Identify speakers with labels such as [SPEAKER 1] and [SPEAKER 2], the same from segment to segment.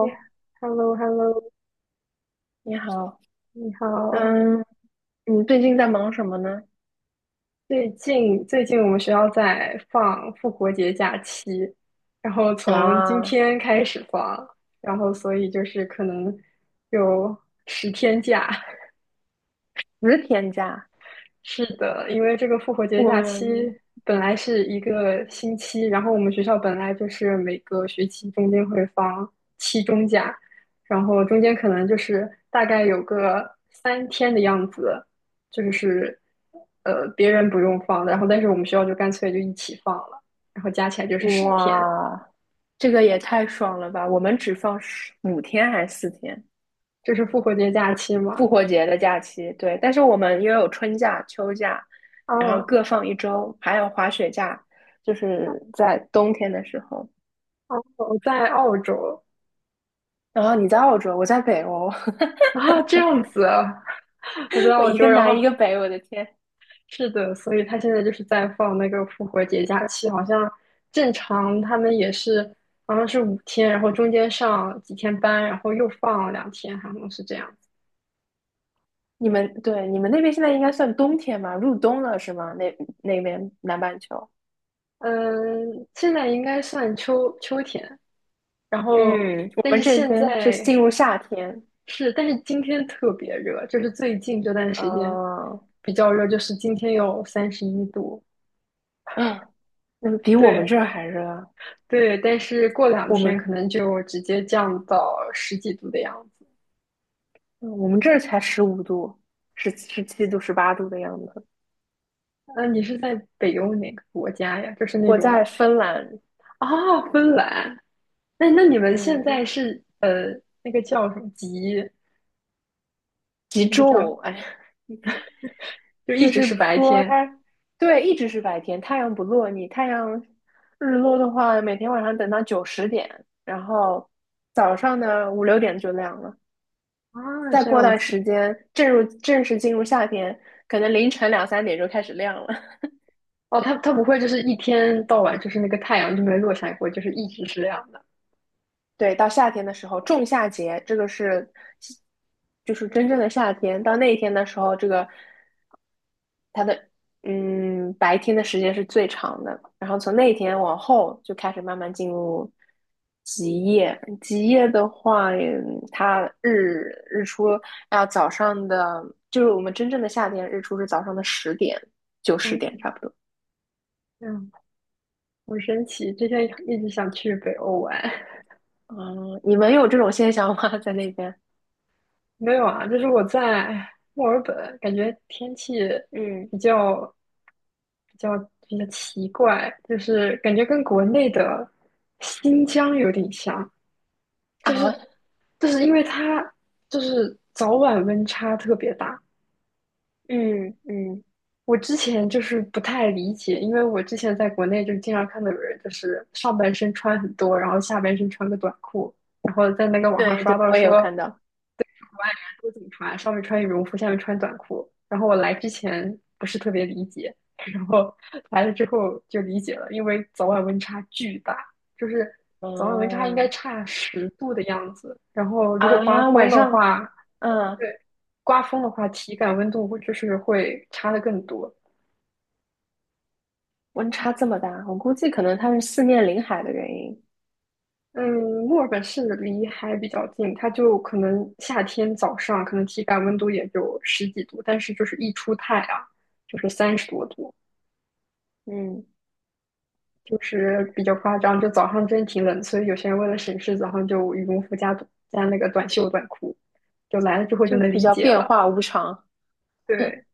[SPEAKER 1] 呀 Hello hello
[SPEAKER 2] 你好。
[SPEAKER 1] 你好。
[SPEAKER 2] 嗯，你最近在忙什么呢？
[SPEAKER 1] 最近我们学校在放复活节假期，然后从今
[SPEAKER 2] 啊，
[SPEAKER 1] 天开始放，然后所以就是可能有10天假。
[SPEAKER 2] 10天假，
[SPEAKER 1] 是的，因为这个复活节
[SPEAKER 2] 我
[SPEAKER 1] 假期
[SPEAKER 2] 们
[SPEAKER 1] 本来是一个星期，然后我们学校本来就是每个学期中间会放期中假，然后中间可能就是大概有个3天的样子，就是别人不用放的，然后但是我们学校就干脆就一起放了，然后加起来就是十天，
[SPEAKER 2] 哇，这个也太爽了吧！我们只放15天还是4天？
[SPEAKER 1] 这是复活节假期嘛。
[SPEAKER 2] 复活节的假期，对，但是我们又有春假、秋假，
[SPEAKER 1] 啊，
[SPEAKER 2] 然后
[SPEAKER 1] 哦，
[SPEAKER 2] 各放一周，还有滑雪假，就是在冬天的时候。
[SPEAKER 1] 我在澳洲
[SPEAKER 2] 然后你在澳洲，我在北欧，
[SPEAKER 1] 啊，这样子啊。 我在
[SPEAKER 2] 我
[SPEAKER 1] 澳
[SPEAKER 2] 一
[SPEAKER 1] 洲，
[SPEAKER 2] 个
[SPEAKER 1] 然
[SPEAKER 2] 南
[SPEAKER 1] 后
[SPEAKER 2] 一个北，我的天！
[SPEAKER 1] 是的，所以他现在就是在放那个复活节假期，好像正常他们也是，好像是5天，然后中间上几天班，然后又放两天，好像是这样子。
[SPEAKER 2] 你们，对，你们那边现在应该算冬天吧？入冬了是吗？那，那边南半球，
[SPEAKER 1] 嗯，现在应该算秋天，然后
[SPEAKER 2] 嗯，我
[SPEAKER 1] 但
[SPEAKER 2] 们
[SPEAKER 1] 是
[SPEAKER 2] 这
[SPEAKER 1] 现
[SPEAKER 2] 边是
[SPEAKER 1] 在
[SPEAKER 2] 进入夏天，
[SPEAKER 1] 是，但是今天特别热，就是最近这段时间
[SPEAKER 2] 呃，
[SPEAKER 1] 比较热，就是今天有31度。
[SPEAKER 2] 嗯，那个比我
[SPEAKER 1] 对
[SPEAKER 2] 们这儿还热啊，
[SPEAKER 1] 对，但是过两
[SPEAKER 2] 我们
[SPEAKER 1] 天可能就直接降到十几度的样子。
[SPEAKER 2] 嗯我们这儿才15度，十七度、18度的样子。
[SPEAKER 1] 你是在北欧哪个国家呀？就是那
[SPEAKER 2] 我在
[SPEAKER 1] 种。
[SPEAKER 2] 芬兰，
[SPEAKER 1] 啊，芬兰。那你们现
[SPEAKER 2] 嗯，
[SPEAKER 1] 在是那个叫什么极，
[SPEAKER 2] 极
[SPEAKER 1] 那个叫什么，
[SPEAKER 2] 昼，哎，
[SPEAKER 1] 就一
[SPEAKER 2] 就
[SPEAKER 1] 直
[SPEAKER 2] 是
[SPEAKER 1] 是白
[SPEAKER 2] 说
[SPEAKER 1] 天。
[SPEAKER 2] 它，对，一直是白天，太阳不落。太阳日落的话，每天晚上等到九十点，然后早上呢五六点就亮了。
[SPEAKER 1] 啊，
[SPEAKER 2] 再
[SPEAKER 1] 这
[SPEAKER 2] 过
[SPEAKER 1] 样
[SPEAKER 2] 段
[SPEAKER 1] 子。
[SPEAKER 2] 时间，正式进入夏天，可能凌晨两三点就开始亮了。
[SPEAKER 1] 哦，它不会就是一天到晚就是那个太阳就没落下过，就是一直是这样的。
[SPEAKER 2] 对，到夏天的时候，仲夏节，这个就是真正的夏天。到那一天的时候，这个它的白天的时间是最长的，然后从那天往后就开始慢慢进入极夜。极夜的话，它日出要早上的，就是我们真正的夏天日出是早上的十点，九十点
[SPEAKER 1] 嗯，
[SPEAKER 2] 差不多。
[SPEAKER 1] 这样好神奇。之前一直想去北欧玩。
[SPEAKER 2] 嗯，你们有这种现象吗？在那边？
[SPEAKER 1] 没有啊，就是我在墨尔本，感觉天气
[SPEAKER 2] 嗯
[SPEAKER 1] 比较比较比较奇怪，就是感觉跟国
[SPEAKER 2] 嗯
[SPEAKER 1] 内的新疆有点像，就
[SPEAKER 2] 啊，
[SPEAKER 1] 是就是因为它就是早晚温差特别大。
[SPEAKER 2] 嗯嗯，
[SPEAKER 1] 我之前就是不太理解，因为我之前在国内就是经常看到有人就是上半身穿很多，然后下半身穿个短裤，然后在那个网上
[SPEAKER 2] 对
[SPEAKER 1] 刷
[SPEAKER 2] 对，
[SPEAKER 1] 到
[SPEAKER 2] 我也有
[SPEAKER 1] 说
[SPEAKER 2] 看到。
[SPEAKER 1] 我有警察，上面穿羽绒服，下面穿短裤。然后我来之前不是特别理解，然后 来了之后就理解了，因为早晚温差巨大，就是早晚温差应该
[SPEAKER 2] 哦
[SPEAKER 1] 差10度的样子。然后如果
[SPEAKER 2] 啊，
[SPEAKER 1] 刮风
[SPEAKER 2] 晚
[SPEAKER 1] 的
[SPEAKER 2] 上，
[SPEAKER 1] 话，
[SPEAKER 2] 嗯，
[SPEAKER 1] 对，刮风的话体感温度就是会差的更多。
[SPEAKER 2] 温差这么大，我估计可能它是四面临海的原因，
[SPEAKER 1] 嗯，墨尔本是离海比较近，它就可能夏天早上可能体感温度也就十几度，但是就是一出太阳就是三十多度。
[SPEAKER 2] 嗯，
[SPEAKER 1] 就是比较夸张，就早上真挺冷，所以有些人为了省事，早上就羽绒服加短加那个短袖短裤，就来了之后就
[SPEAKER 2] 就
[SPEAKER 1] 能
[SPEAKER 2] 比
[SPEAKER 1] 理
[SPEAKER 2] 较
[SPEAKER 1] 解
[SPEAKER 2] 变
[SPEAKER 1] 了。
[SPEAKER 2] 化无常。
[SPEAKER 1] 对。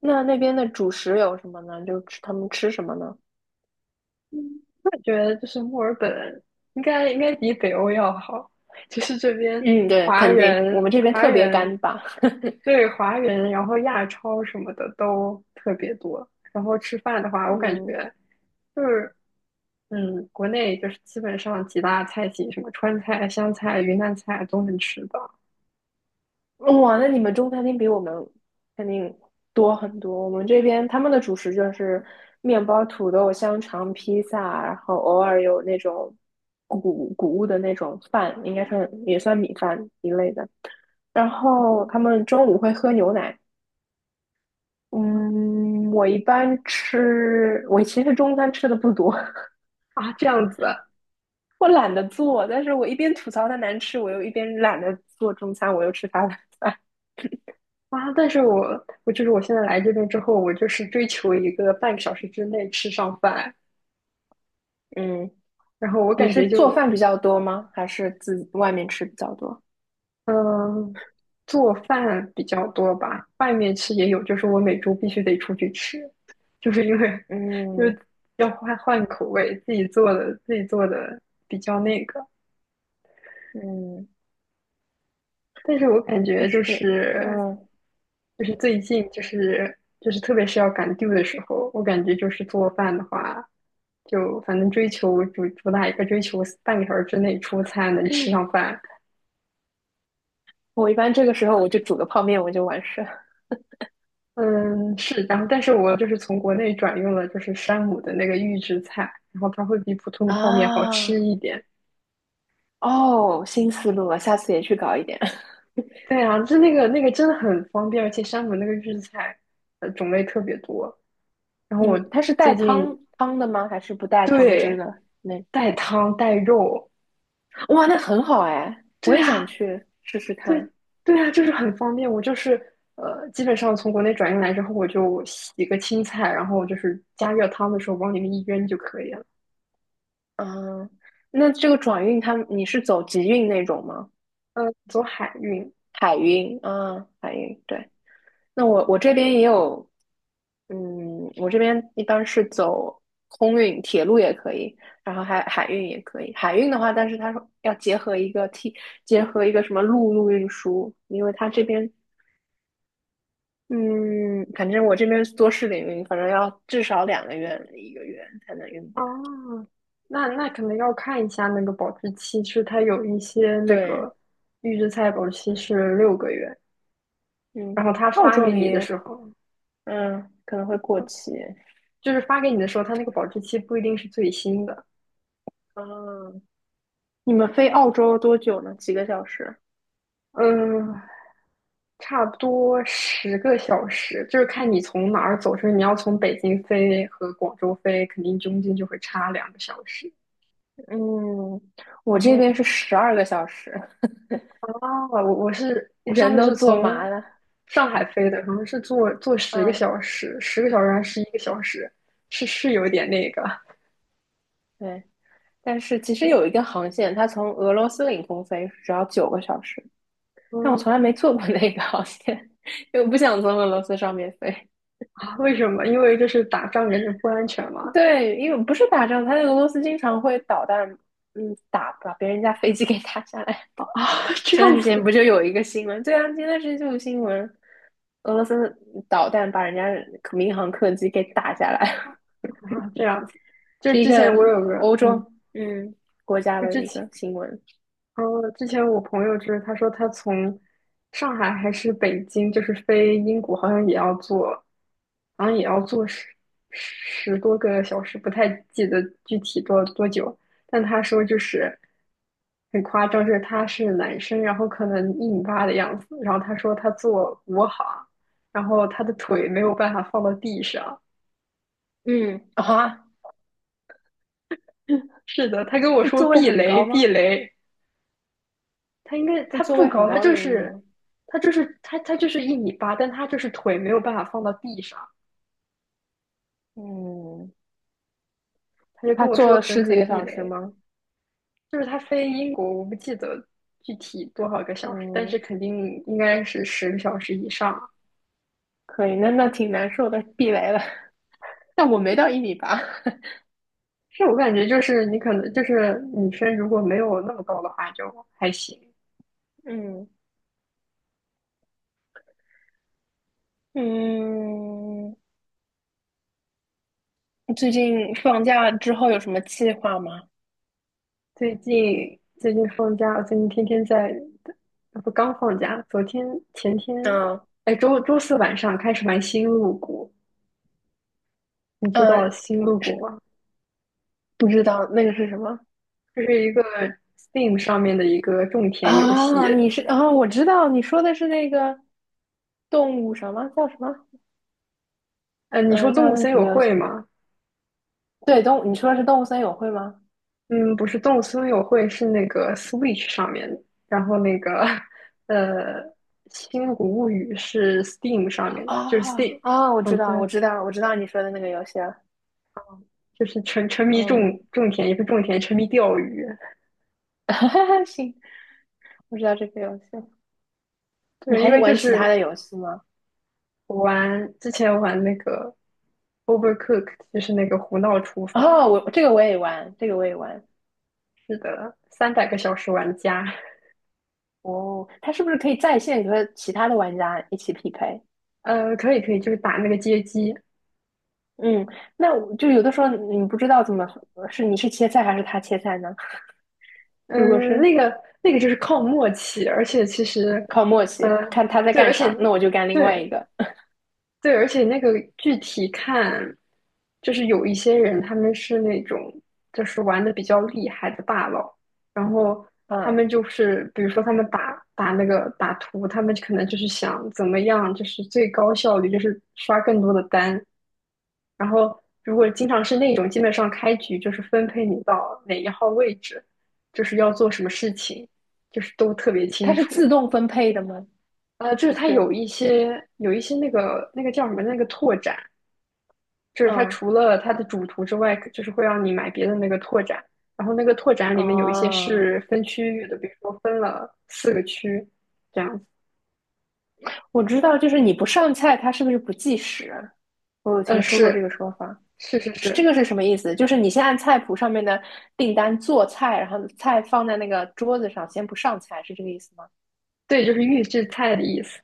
[SPEAKER 2] 那，那边的主食有什么呢？他们吃什么呢？
[SPEAKER 1] 嗯，我感觉就是墨尔本应该比北欧要好，就是这边
[SPEAKER 2] 嗯，对，
[SPEAKER 1] 华
[SPEAKER 2] 肯定我
[SPEAKER 1] 人，
[SPEAKER 2] 们这边特别干巴。
[SPEAKER 1] 然后亚超什么的都特别多。然后吃饭的话，我感
[SPEAKER 2] 嗯，
[SPEAKER 1] 觉就是，嗯，国内就是基本上几大菜系，什么川菜、湘菜、云南菜都能吃到。
[SPEAKER 2] 哇，那你们中餐厅比我们肯定多很多。我们这边他们的主食就是面包、土豆、香肠、披萨，然后偶尔有那种谷物的那种饭，应该算也算米饭一类的。然后他们中午会喝牛奶。嗯，我其实中餐吃的不多，
[SPEAKER 1] 啊，这样子啊。
[SPEAKER 2] 我懒得做，但是我一边吐槽它难吃，我又一边懒得做中餐，我又吃它的饭。
[SPEAKER 1] 啊，但是我就是我现在来这边之后，我就是追求一个半个小时之内吃上饭，
[SPEAKER 2] 嗯，
[SPEAKER 1] 然后我
[SPEAKER 2] 你
[SPEAKER 1] 感
[SPEAKER 2] 是
[SPEAKER 1] 觉
[SPEAKER 2] 做
[SPEAKER 1] 就。
[SPEAKER 2] 饭比较多吗？还是自己外面吃比较多？
[SPEAKER 1] 嗯，做饭比较多吧，外面吃也有，就是我每周必须得出去吃，就是因为 就
[SPEAKER 2] 嗯
[SPEAKER 1] 是要换换口味，自己做的比较那个。
[SPEAKER 2] 嗯，
[SPEAKER 1] 但是我感
[SPEAKER 2] 就
[SPEAKER 1] 觉就
[SPEAKER 2] 是
[SPEAKER 1] 是
[SPEAKER 2] 嗯，
[SPEAKER 1] 就是最近就是特别是要赶 due 的时候，我感觉就是做饭的话，就反正追求主打一个追求半个小时之内出餐能吃上饭。
[SPEAKER 2] 我一般这个时候我就煮个泡面，我就完事了。
[SPEAKER 1] 嗯，是，然后但是我就是从国内转用了就是山姆的那个预制菜，然后它会比普通的泡面好吃
[SPEAKER 2] 啊，
[SPEAKER 1] 一点。
[SPEAKER 2] 哦，新思路了，下次也去搞一点。
[SPEAKER 1] 对啊，就那个真的很方便，而且山姆那个预制菜，种类特别多。然后
[SPEAKER 2] 你
[SPEAKER 1] 我
[SPEAKER 2] 们，是带
[SPEAKER 1] 最近
[SPEAKER 2] 汤的吗？还是不带汤汁
[SPEAKER 1] 对
[SPEAKER 2] 的？
[SPEAKER 1] 带汤带肉。
[SPEAKER 2] 哇，那很好哎，我
[SPEAKER 1] 对
[SPEAKER 2] 也想
[SPEAKER 1] 啊，
[SPEAKER 2] 去试试看。
[SPEAKER 1] 对对啊，就是很方便。我就是基本上从国内转运来之后，我就洗个青菜，然后就是加热汤的时候往里面一扔就可以了。
[SPEAKER 2] 啊。那这个转运你是走集运那种吗？
[SPEAKER 1] 嗯，走海运
[SPEAKER 2] 海运啊，海运对。那我这边也有，嗯，我这边一般是走空运，铁路也可以，然后还海运也可以。海运的话，但是它要结合一个 T，结合一个什么陆路运输，因为它这边嗯，反正我这边做试领运，反正要至少2个月1个月才能运过来。
[SPEAKER 1] 啊。那可能要看一下那个保质期，是它有一些那
[SPEAKER 2] 对，
[SPEAKER 1] 个预制菜保质期是6个月，
[SPEAKER 2] 嗯，
[SPEAKER 1] 然后他
[SPEAKER 2] 澳
[SPEAKER 1] 发
[SPEAKER 2] 洲
[SPEAKER 1] 给你的
[SPEAKER 2] 里，
[SPEAKER 1] 时候，
[SPEAKER 2] 嗯，可能会过期。
[SPEAKER 1] 就是发给你的时候，它那个保质期不一定是最新的。
[SPEAKER 2] 嗯，你们飞澳洲多久呢？几个小时？
[SPEAKER 1] 嗯，差不多十个小时，就是看你从哪儿走。出是你要从北京飞和广州飞，肯定中间就会差2个小时。
[SPEAKER 2] 嗯，我
[SPEAKER 1] 然
[SPEAKER 2] 这
[SPEAKER 1] 后
[SPEAKER 2] 边是12个小时，
[SPEAKER 1] 啊，我是我上
[SPEAKER 2] 人
[SPEAKER 1] 次
[SPEAKER 2] 都
[SPEAKER 1] 是
[SPEAKER 2] 坐
[SPEAKER 1] 从
[SPEAKER 2] 麻了。
[SPEAKER 1] 上海飞的，好像是坐十个
[SPEAKER 2] 嗯，
[SPEAKER 1] 小时，十个小时还是一个小时，是是有点那个。
[SPEAKER 2] 对。但是其实有一个航线，它从俄罗斯领空飞只要9个小时，但我
[SPEAKER 1] 嗯。
[SPEAKER 2] 从来没坐过那个航线，因为我不想从俄罗斯上面飞。
[SPEAKER 1] 啊为什么？因为就是打仗感觉不安全嘛。
[SPEAKER 2] 对，因为不是打仗，他在俄罗斯经常会导弹，嗯，把别人家飞机给打下来。
[SPEAKER 1] 啊，这
[SPEAKER 2] 前段
[SPEAKER 1] 样
[SPEAKER 2] 时间
[SPEAKER 1] 子
[SPEAKER 2] 不就有一个新闻？对啊，前段时间就有新闻，俄罗斯导弹把人家民航客机给打下来，
[SPEAKER 1] 啊，这样子。就
[SPEAKER 2] 是一
[SPEAKER 1] 之
[SPEAKER 2] 个
[SPEAKER 1] 前我有个
[SPEAKER 2] 欧洲
[SPEAKER 1] 嗯，
[SPEAKER 2] 嗯国家
[SPEAKER 1] 就
[SPEAKER 2] 的
[SPEAKER 1] 之
[SPEAKER 2] 一
[SPEAKER 1] 前。
[SPEAKER 2] 个新闻。
[SPEAKER 1] 哦，之前我朋友就是他说他从上海还是北京，就是飞英国，好像也要坐十多个小时，不太记得具体多久。但他说就是很夸张，就是他是男生，然后可能一米八的样子，然后他说他坐国航，然后他的腿没有办法放到地上。
[SPEAKER 2] 嗯啊，
[SPEAKER 1] 是的，他跟我
[SPEAKER 2] 是
[SPEAKER 1] 说
[SPEAKER 2] 座位
[SPEAKER 1] 避
[SPEAKER 2] 很
[SPEAKER 1] 雷
[SPEAKER 2] 高
[SPEAKER 1] 避
[SPEAKER 2] 吗？
[SPEAKER 1] 雷。他应该
[SPEAKER 2] 是
[SPEAKER 1] 他
[SPEAKER 2] 座位
[SPEAKER 1] 不
[SPEAKER 2] 很
[SPEAKER 1] 高，他
[SPEAKER 2] 高的
[SPEAKER 1] 就
[SPEAKER 2] 原因
[SPEAKER 1] 是
[SPEAKER 2] 吗？
[SPEAKER 1] 他就是他他就是一米八，但他就是腿没有办法放到地上，
[SPEAKER 2] 嗯，
[SPEAKER 1] 他就跟
[SPEAKER 2] 他
[SPEAKER 1] 我
[SPEAKER 2] 坐
[SPEAKER 1] 说
[SPEAKER 2] 了
[SPEAKER 1] 狠
[SPEAKER 2] 十几
[SPEAKER 1] 狠
[SPEAKER 2] 个
[SPEAKER 1] 地
[SPEAKER 2] 小时
[SPEAKER 1] 雷，
[SPEAKER 2] 吗？
[SPEAKER 1] 就是他飞英国，我不记得具体多少个小时，但
[SPEAKER 2] 嗯，
[SPEAKER 1] 是肯定应该是10个小时以上。
[SPEAKER 2] 可以，那，那挺难受的，避雷了。但我没到1米8，
[SPEAKER 1] 是我感觉就是你可能就是女生如果没有那么高的话就还行。
[SPEAKER 2] 嗯。嗯，最近放假之后有什么计划吗？
[SPEAKER 1] 最近放假，我最近天天在，不刚放假，昨天前天，
[SPEAKER 2] 嗯
[SPEAKER 1] 哎周四晚上开始玩星露谷。你知道
[SPEAKER 2] 嗯，
[SPEAKER 1] 星露谷
[SPEAKER 2] 是
[SPEAKER 1] 吗？
[SPEAKER 2] 不知道那个是什么
[SPEAKER 1] 这是一个 Steam 上面的一个种田游戏。
[SPEAKER 2] 啊？你是啊？我知道你说的是那个动物什么叫什么？
[SPEAKER 1] 你说
[SPEAKER 2] 嗯，
[SPEAKER 1] 动
[SPEAKER 2] 叫
[SPEAKER 1] 物
[SPEAKER 2] 那个
[SPEAKER 1] 森
[SPEAKER 2] 什
[SPEAKER 1] 友
[SPEAKER 2] 么游戏？
[SPEAKER 1] 会吗？
[SPEAKER 2] 对，动物，你说的是动物森友会吗？
[SPEAKER 1] 嗯，不是，动物森友会是那个 Switch 上面的，然后那个 呃，星露谷物语是 Steam 上面的，就是
[SPEAKER 2] 啊
[SPEAKER 1] Steam。
[SPEAKER 2] 啊，我
[SPEAKER 1] 嗯，
[SPEAKER 2] 知
[SPEAKER 1] 对，
[SPEAKER 2] 道，我知道，我知道你说的那个游戏了。
[SPEAKER 1] 就是沉迷
[SPEAKER 2] 嗯，
[SPEAKER 1] 种田，也不是种田，沉迷钓鱼。
[SPEAKER 2] 行，我知道这个游戏。你
[SPEAKER 1] 对，因
[SPEAKER 2] 还
[SPEAKER 1] 为就
[SPEAKER 2] 玩其他
[SPEAKER 1] 是
[SPEAKER 2] 的游戏吗？
[SPEAKER 1] 我玩之前玩那个 Overcooked,就是那个胡闹厨房，
[SPEAKER 2] 哦，我这个我也玩，这个我也玩。
[SPEAKER 1] 300个小时玩家。
[SPEAKER 2] 哦，它是不是可以在线和其他的玩家一起匹配？
[SPEAKER 1] 可以可以，就是打那个街机。
[SPEAKER 2] 嗯，那我就有的时候你不知道怎么是你是切菜还是他切菜呢？如果
[SPEAKER 1] 嗯，
[SPEAKER 2] 是
[SPEAKER 1] 那个就是靠默契，而且其实，
[SPEAKER 2] 靠默
[SPEAKER 1] 呃，
[SPEAKER 2] 契，看他在
[SPEAKER 1] 对，而
[SPEAKER 2] 干
[SPEAKER 1] 且
[SPEAKER 2] 啥，那我就干另外一
[SPEAKER 1] 对
[SPEAKER 2] 个。
[SPEAKER 1] 对，而且那个具体看，就是有一些人他们是那种就是玩的比较厉害的大佬，然后他
[SPEAKER 2] 嗯，
[SPEAKER 1] 们就是比如说他们打那个打图，他们可能就是想怎么样，就是最高效率，就是刷更多的单，然后如果经常是那种，基本上开局就是分配你到哪一号位置，就是要做什么事情，就是都特别清
[SPEAKER 2] 它是
[SPEAKER 1] 楚。
[SPEAKER 2] 自动分配的吗？
[SPEAKER 1] 就是
[SPEAKER 2] 不
[SPEAKER 1] 它
[SPEAKER 2] 是。
[SPEAKER 1] 有一些那个叫什么那个拓展，就是它
[SPEAKER 2] 嗯，
[SPEAKER 1] 除了它的主图之外，就是会让你买别的那个拓展。然后那个拓展里面有一些
[SPEAKER 2] 哦，
[SPEAKER 1] 是分区域的，比如说分了4个区这样子。
[SPEAKER 2] 我知道，就是你不上菜，它是不是不计时？我有
[SPEAKER 1] 嗯，
[SPEAKER 2] 听说过这
[SPEAKER 1] 是
[SPEAKER 2] 个说法，
[SPEAKER 1] 是是
[SPEAKER 2] 是这个
[SPEAKER 1] 是，
[SPEAKER 2] 是什么意思？就是你先按菜谱上面的订单做菜，然后菜放在那个桌子上，先不上菜，是这个意思吗？
[SPEAKER 1] 对，就是预制菜的意思，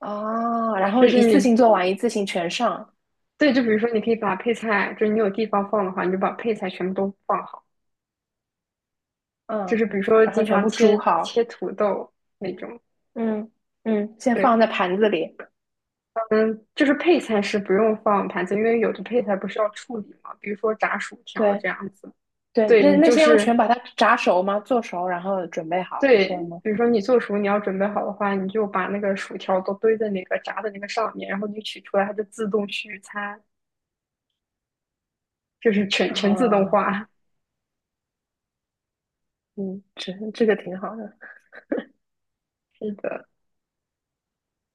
[SPEAKER 2] 哦，然后
[SPEAKER 1] 就
[SPEAKER 2] 一
[SPEAKER 1] 是
[SPEAKER 2] 次
[SPEAKER 1] 你
[SPEAKER 2] 性做完，一次性全上，
[SPEAKER 1] 对，就比如说你可以把配菜，就是你有地方放的话，你就把配菜全部都放好。就
[SPEAKER 2] 嗯，
[SPEAKER 1] 是比如说
[SPEAKER 2] 然后
[SPEAKER 1] 经
[SPEAKER 2] 全
[SPEAKER 1] 常
[SPEAKER 2] 部煮
[SPEAKER 1] 切
[SPEAKER 2] 好，
[SPEAKER 1] 切土豆那种，
[SPEAKER 2] 嗯嗯，先放
[SPEAKER 1] 对，
[SPEAKER 2] 在盘子里，
[SPEAKER 1] 就是配菜是不用放盘子，因为有的配菜不是要处理嘛，比如说炸薯条这
[SPEAKER 2] 对
[SPEAKER 1] 样子。
[SPEAKER 2] 对，
[SPEAKER 1] 对，
[SPEAKER 2] 那，
[SPEAKER 1] 你
[SPEAKER 2] 那
[SPEAKER 1] 就
[SPEAKER 2] 些要全
[SPEAKER 1] 是
[SPEAKER 2] 把它炸熟吗？做熟，然后准备好，是这
[SPEAKER 1] 对，
[SPEAKER 2] 样吗？
[SPEAKER 1] 比如说你做熟你要准备好的话，你就把那个薯条都堆在那个炸的那个上面，然后你取出来，它就自动续餐，就是全自动
[SPEAKER 2] 啊，
[SPEAKER 1] 化。
[SPEAKER 2] 嗯，这个挺好的，
[SPEAKER 1] 是的。